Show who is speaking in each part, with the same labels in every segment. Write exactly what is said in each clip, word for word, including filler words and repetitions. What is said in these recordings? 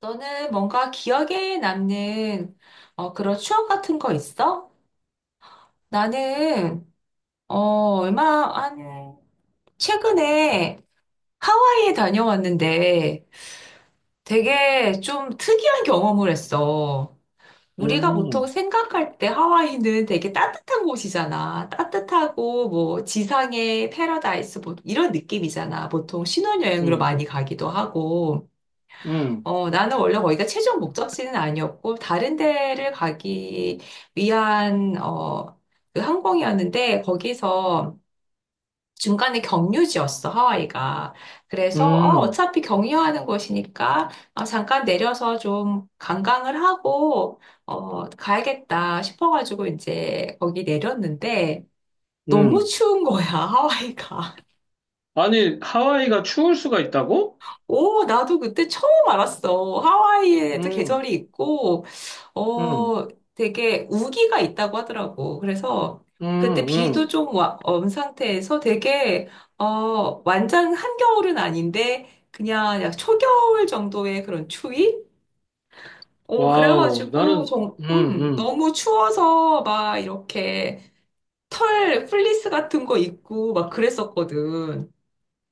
Speaker 1: 너는 뭔가 기억에 남는 어, 그런 추억 같은 거 있어? 나는 어, 얼마 한 최근에 하와이에 다녀왔는데 되게 좀 특이한 경험을 했어. 우리가 보통
Speaker 2: 음,
Speaker 1: 생각할 때 하와이는 되게 따뜻한 곳이잖아. 따뜻하고 뭐 지상의 패러다이스 뭐 이런 느낌이잖아. 보통 신혼여행으로
Speaker 2: 음,
Speaker 1: 많이 가기도 하고.
Speaker 2: 음,
Speaker 1: 어, 나는 원래 거기가 최종 목적지는 아니었고, 다른 데를 가기 위한, 어, 그 항공이었는데, 거기서 중간에 경유지였어, 하와이가. 그래서, 어,
Speaker 2: 음,
Speaker 1: 어차피 경유하는 곳이니까, 어, 잠깐 내려서 좀 관광을 하고, 어, 가야겠다 싶어가지고, 이제 거기 내렸는데, 너무
Speaker 2: 음.
Speaker 1: 추운 거야, 하와이가.
Speaker 2: 아니, 하와이가 추울 수가 있다고?
Speaker 1: 오, 나도 그때 처음 알았어. 하와이에도
Speaker 2: 음,
Speaker 1: 계절이 있고,
Speaker 2: 음,
Speaker 1: 어, 되게 우기가 있다고 하더라고. 그래서 그때
Speaker 2: 음,
Speaker 1: 비도
Speaker 2: 음.
Speaker 1: 좀 와, 온 상태에서 되게, 어, 완전 한겨울은 아닌데, 그냥 약 초겨울 정도의 그런 추위? 어,
Speaker 2: 와우,
Speaker 1: 그래가지고,
Speaker 2: 나는,
Speaker 1: 좀,
Speaker 2: 음,
Speaker 1: 음,
Speaker 2: 음.
Speaker 1: 너무 추워서 막 이렇게 털, 플리스 같은 거 입고 막 그랬었거든.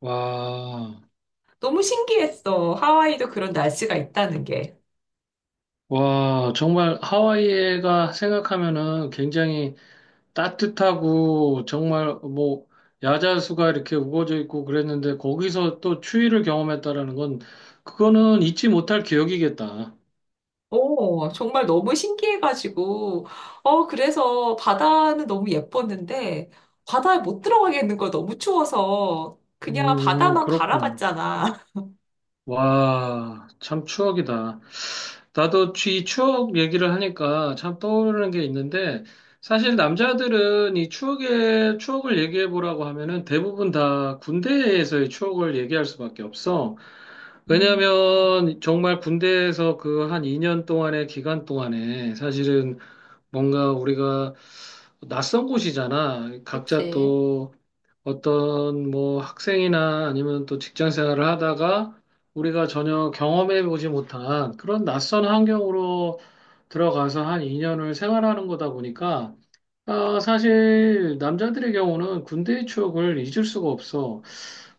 Speaker 2: 와,
Speaker 1: 너무 신기했어. 하와이도 그런 날씨가 있다는 게.
Speaker 2: 와, 정말 하와이가 생각하면은 굉장히 따뜻하고 정말 뭐 야자수가 이렇게 우거져 있고 그랬는데 거기서 또 추위를 경험했다라는 건 그거는 잊지 못할 기억이겠다.
Speaker 1: 오, 정말 너무 신기해가지고, 어, 그래서 바다는 너무 예뻤는데, 바다에 못 들어가겠는 거 너무 추워서, 그냥
Speaker 2: 음,
Speaker 1: 바다만
Speaker 2: 그렇구나.
Speaker 1: 바라봤잖아.
Speaker 2: 와, 참 추억이다. 나도 이 추억 얘기를 하니까 참 떠오르는 게 있는데, 사실 남자들은 이 추억의, 추억을 얘기해 보라고 하면은 대부분 다 군대에서의 추억을 얘기할 수밖에 없어.
Speaker 1: 음,
Speaker 2: 왜냐면 정말 군대에서 그 한 이 년 동안의 기간 동안에 사실은 뭔가 우리가 낯선 곳이잖아. 각자
Speaker 1: 그치.
Speaker 2: 또 어떤 뭐 학생이나 아니면 또 직장 생활을 하다가 우리가 전혀 경험해 보지 못한 그런 낯선 환경으로 들어가서 한 이 년을 생활하는 거다 보니까 아, 사실 남자들의 경우는 군대의 추억을 잊을 수가 없어.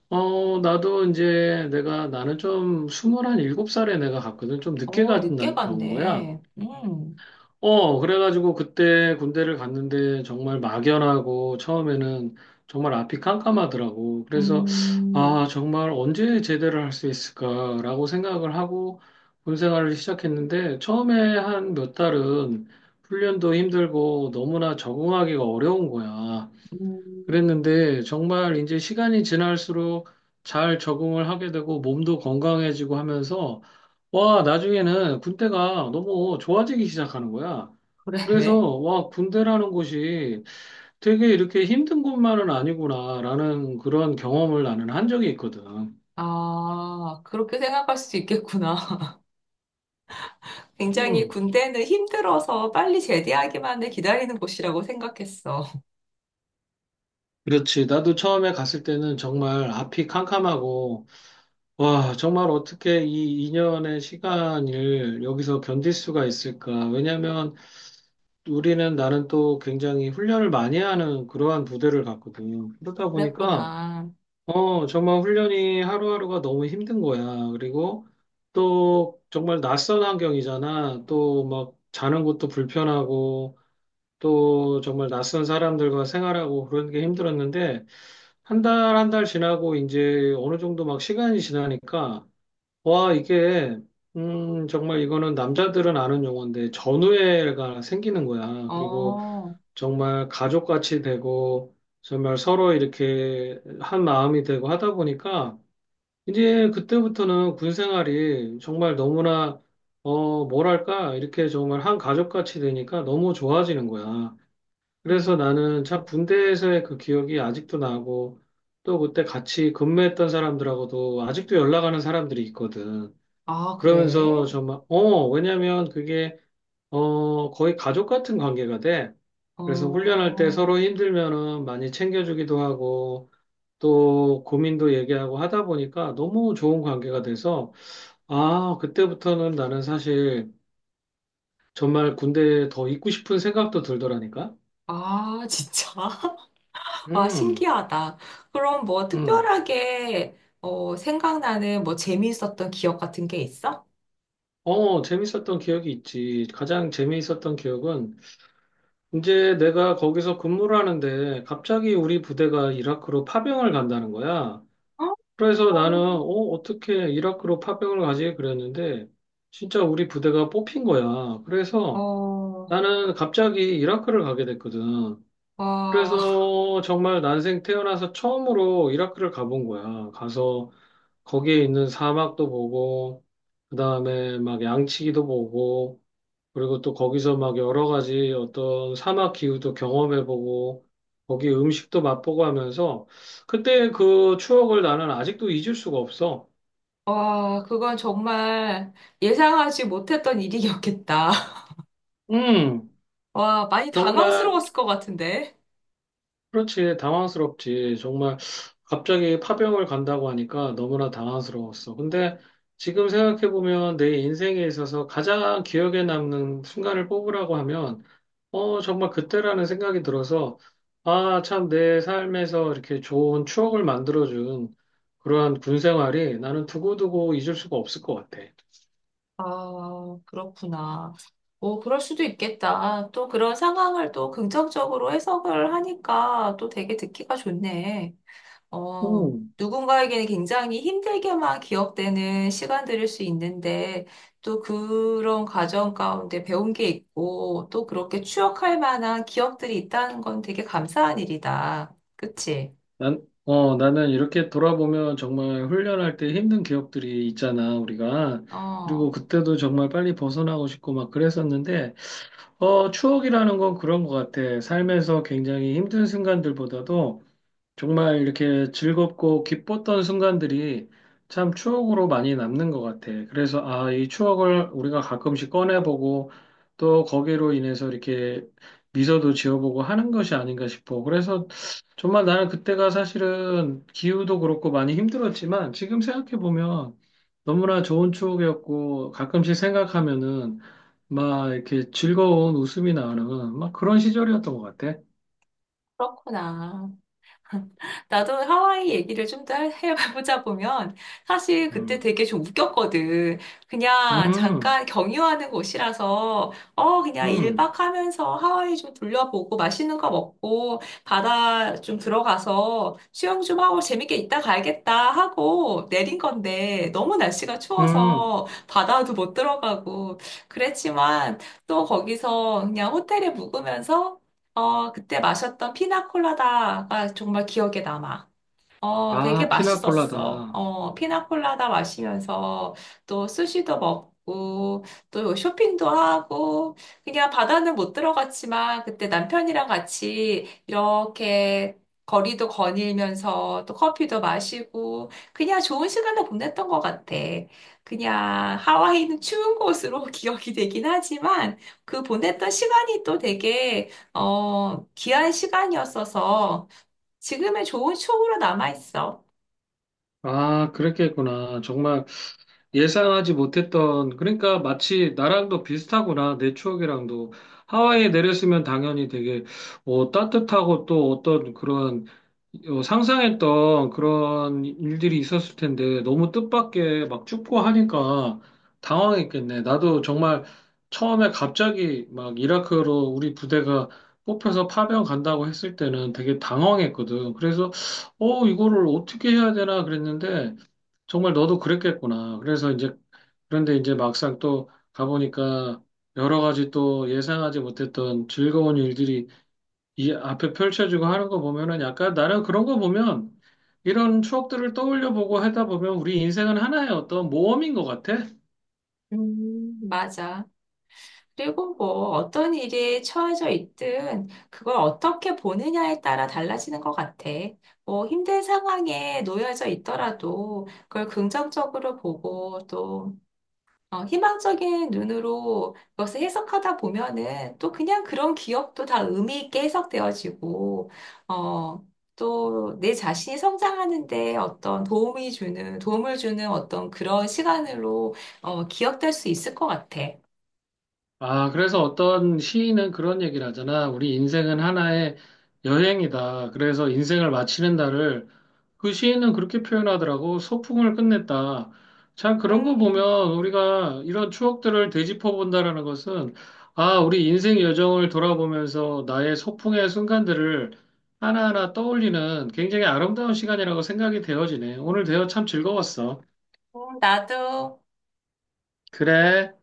Speaker 2: 어, 나도 이제 내가 나는 좀 스물한 일곱 살에 내가 갔거든. 좀 늦게
Speaker 1: 어,
Speaker 2: 간,
Speaker 1: 늦게
Speaker 2: 간 거야.
Speaker 1: 갔네. 음,
Speaker 2: 어, 그래가지고 그때 군대를 갔는데 정말 막연하고 처음에는 정말 앞이 깜깜하더라고. 그래서
Speaker 1: 음,
Speaker 2: 아, 정말 언제 제대를 할 수 있을까라고 생각을 하고 군 생활을 시작했는데 처음에 한 몇 달은 훈련도 힘들고 너무나 적응하기가 어려운 거야.
Speaker 1: 음,
Speaker 2: 그랬는데 정말 이제 시간이 지날수록 잘 적응을 하게 되고 몸도 건강해지고 하면서 와, 나중에는 군대가 너무 좋아지기 시작하는 거야. 그래서
Speaker 1: 그래.
Speaker 2: 와, 군대라는 곳이 되게 이렇게 힘든 곳만은 아니구나라는 그런 경험을 나는 한 적이 있거든.
Speaker 1: 아, 그렇게 생각할 수 있겠구나. 굉장히
Speaker 2: 음.
Speaker 1: 군대는 힘들어서 빨리 제대하기만을 기다리는 곳이라고 생각했어.
Speaker 2: 그렇지. 나도 처음에 갔을 때는 정말 앞이 캄캄하고, 와, 정말 어떻게 이 2년의 시간을 여기서 견딜 수가 있을까? 왜냐면 우리는 나는 또 굉장히 훈련을 많이 하는 그러한 부대를 갔거든. 그러다 보니까,
Speaker 1: 그랬구나.
Speaker 2: 어, 정말 훈련이 하루하루가 너무 힘든 거야. 그리고 또 정말 낯선 환경이잖아. 또 막 자는 것도 불편하고, 또 정말 낯선 사람들과 생활하고 그런 게 힘들었는데, 한 달, 한 달 지나고 이제 어느 정도 막 시간이 지나니까, 와, 이게, 음, 정말 이거는 남자들은 아는 용어인데, 전우애가 생기는 거야. 그리고
Speaker 1: 어,
Speaker 2: 정말 가족같이 되고 정말 서로 이렇게 한 마음이 되고 하다 보니까 이제 그때부터는 군 생활이 정말 너무나 어 뭐랄까 이렇게 정말 한 가족같이 되니까 너무 좋아지는 거야. 그래서
Speaker 1: 음.
Speaker 2: 나는
Speaker 1: 음.
Speaker 2: 참 군대에서의 그 기억이 아직도 나고 또 그때 같이 근무했던 사람들하고도 아직도 연락하는 사람들이 있거든.
Speaker 1: 아, 그래?
Speaker 2: 그러면서 정말 어 왜냐면 그게 어, 거의 가족 같은 관계가 돼. 그래서 훈련할 때
Speaker 1: 어,
Speaker 2: 서로 힘들면은 많이 챙겨주기도 하고, 또 고민도 얘기하고 하다 보니까 너무 좋은 관계가 돼서, 아, 그때부터는 나는 사실 정말 군대에 더 있고 싶은 생각도 들더라니까?
Speaker 1: 아, 진짜? 와,
Speaker 2: 음,
Speaker 1: 신기하다. 그럼 뭐
Speaker 2: 음.
Speaker 1: 특별하게, 어, 생각나는 뭐 재미있었던 기억 같은 게 있어?
Speaker 2: 어, 재밌었던 기억이 있지. 가장 재미있었던 기억은 이제 내가 거기서 근무를 하는데 갑자기 우리 부대가 이라크로 파병을 간다는 거야.
Speaker 1: 어,
Speaker 2: 그래서 나는 어, 어떻게 이라크로 파병을 가지 그랬는데 진짜 우리 부대가 뽑힌 거야. 그래서
Speaker 1: 어,
Speaker 2: 나는 갑자기 이라크를 가게 됐거든.
Speaker 1: 와,
Speaker 2: 그래서 정말 난생 태어나서 처음으로 이라크를 가본 거야. 가서 거기에 있는 사막도 보고 그다음에 막 양치기도 보고 그리고 또 거기서 막 여러 가지 어떤 사막 기후도 경험해 보고 거기 음식도 맛보고 하면서 그때 그 추억을 나는 아직도 잊을 수가 없어.
Speaker 1: 와, 그건 정말 예상하지 못했던 일이었겠다.
Speaker 2: 음,
Speaker 1: 와, 많이
Speaker 2: 정말,
Speaker 1: 당황스러웠을 것 같은데.
Speaker 2: 그렇지, 당황스럽지. 정말, 갑자기 파병을 간다고 하니까 너무나 당황스러웠어. 근데 지금 생각해보면 내 인생에 있어서 가장 기억에 남는 순간을 뽑으라고 하면, 어, 정말 그때라는 생각이 들어서, 아, 참, 내 삶에서 이렇게 좋은 추억을 만들어준 그러한 군 생활이 나는 두고두고 잊을 수가 없을 것 같아.
Speaker 1: 아, 그렇구나. 오, 그럴 수도 있겠다. 또 그런 상황을 또 긍정적으로 해석을 하니까 또 되게 듣기가 좋네. 어,
Speaker 2: 음.
Speaker 1: 누군가에게는 굉장히 힘들게만 기억되는 시간들일 수 있는데, 또 그런 과정 가운데 배운 게 있고, 또 그렇게 추억할 만한 기억들이 있다는 건 되게 감사한 일이다. 그치?
Speaker 2: 난, 어, 나는 이렇게 돌아보면 정말 훈련할 때 힘든 기억들이 있잖아, 우리가. 그리고
Speaker 1: 어,
Speaker 2: 그때도 정말 빨리 벗어나고 싶고 막 그랬었는데, 어, 추억이라는 건 그런 것 같아. 삶에서 굉장히 힘든 순간들보다도 정말 이렇게 즐겁고 기뻤던 순간들이 참 추억으로 많이 남는 것 같아. 그래서 아, 이 추억을 우리가 가끔씩 꺼내보고 또 거기로 인해서 이렇게 미소도 지어보고 하는 것이 아닌가 싶어. 그래서 정말 나는 그때가 사실은 기후도 그렇고 많이 힘들었지만 지금 생각해보면 너무나 좋은 추억이었고 가끔씩 생각하면은 막 이렇게 즐거운 웃음이 나는 막 그런 시절이었던 것 같아.
Speaker 1: 그렇구나. 나도 하와이 얘기를 좀 더 해보자 보면 사실 그때
Speaker 2: 음,
Speaker 1: 되게 좀 웃겼거든. 그냥
Speaker 2: 음,
Speaker 1: 잠깐 경유하는 곳이라서 어 그냥
Speaker 2: 음.
Speaker 1: 일 박 하면서 하와이 좀 둘러보고 맛있는 거 먹고 바다 좀 들어가서 수영 좀 하고 재밌게 있다 가야겠다 하고 내린 건데 너무 날씨가
Speaker 2: 음,
Speaker 1: 추워서 바다도 못 들어가고 그랬지만 또 거기서 그냥 호텔에 묵으면서 어, 그때 마셨던 피나콜라다가 정말 기억에 남아. 어, 되게
Speaker 2: 아,
Speaker 1: 맛있었어.
Speaker 2: 피나콜라다.
Speaker 1: 어, 피나콜라다 마시면서 또 스시도 먹고 또 쇼핑도 하고 그냥 바다는 못 들어갔지만 그때 남편이랑 같이 이렇게 거리도 거닐면서 또 커피도 마시고 그냥 좋은 시간을 보냈던 것 같아. 그냥 하와이는 추운 곳으로 기억이 되긴 하지만 그 보냈던 시간이 또 되게 어, 귀한 시간이었어서 지금의 좋은 추억으로 남아있어.
Speaker 2: 아, 그랬겠구나. 정말 예상하지 못했던, 그러니까 마치 나랑도 비슷하구나, 내 추억이랑도. 하와이에 내렸으면 당연히 되게, 어, 따뜻하고 또 어떤 그런, 어, 상상했던 그런 일들이 있었을 텐데, 너무 뜻밖의 막 춥고 하니까 당황했겠네. 나도 정말 처음에 갑자기 막 이라크로 우리 부대가 뽑혀서 파병 간다고 했을 때는 되게 당황했거든. 그래서, 어, 이거를 어떻게 해야 되나 그랬는데, 정말 너도 그랬겠구나. 그래서 이제, 그런데 이제 막상 또 가보니까 여러 가지 또 예상하지 못했던 즐거운 일들이 이 앞에 펼쳐지고 하는 거 보면은 약간 나는 그런 거 보면 이런 추억들을 떠올려 보고 하다 보면 우리 인생은 하나의 어떤 모험인 것 같아.
Speaker 1: 음, 맞아. 그리고 뭐 어떤 일에 처해져 있든 그걸 어떻게 보느냐에 따라 달라지는 것 같아. 뭐 힘든 상황에 놓여져 있더라도 그걸 긍정적으로 보고 또 어, 희망적인 눈으로 그것을 해석하다 보면은 또 그냥 그런 기억도 다 의미 있게 해석되어지고, 어, 또 내 자신이 성장하는데 어떤 도움이 주는, 도움을 주는 어떤 그런 시간으로 어, 기억될 수 있을 것 같아.
Speaker 2: 아, 그래서 어떤 시인은 그런 얘기를 하잖아. 우리 인생은 하나의 여행이다. 그래서 인생을 마치는 날을 그 시인은 그렇게 표현하더라고. 소풍을 끝냈다. 참 그런 거
Speaker 1: 음,
Speaker 2: 보면 우리가 이런 추억들을 되짚어 본다라는 것은 아, 우리 인생 여정을 돌아보면서 나의 소풍의 순간들을 하나하나 떠올리는 굉장히 아름다운 시간이라고 생각이 되어지네. 오늘 대화 참 즐거웠어.
Speaker 1: 음, 나도.
Speaker 2: 그래.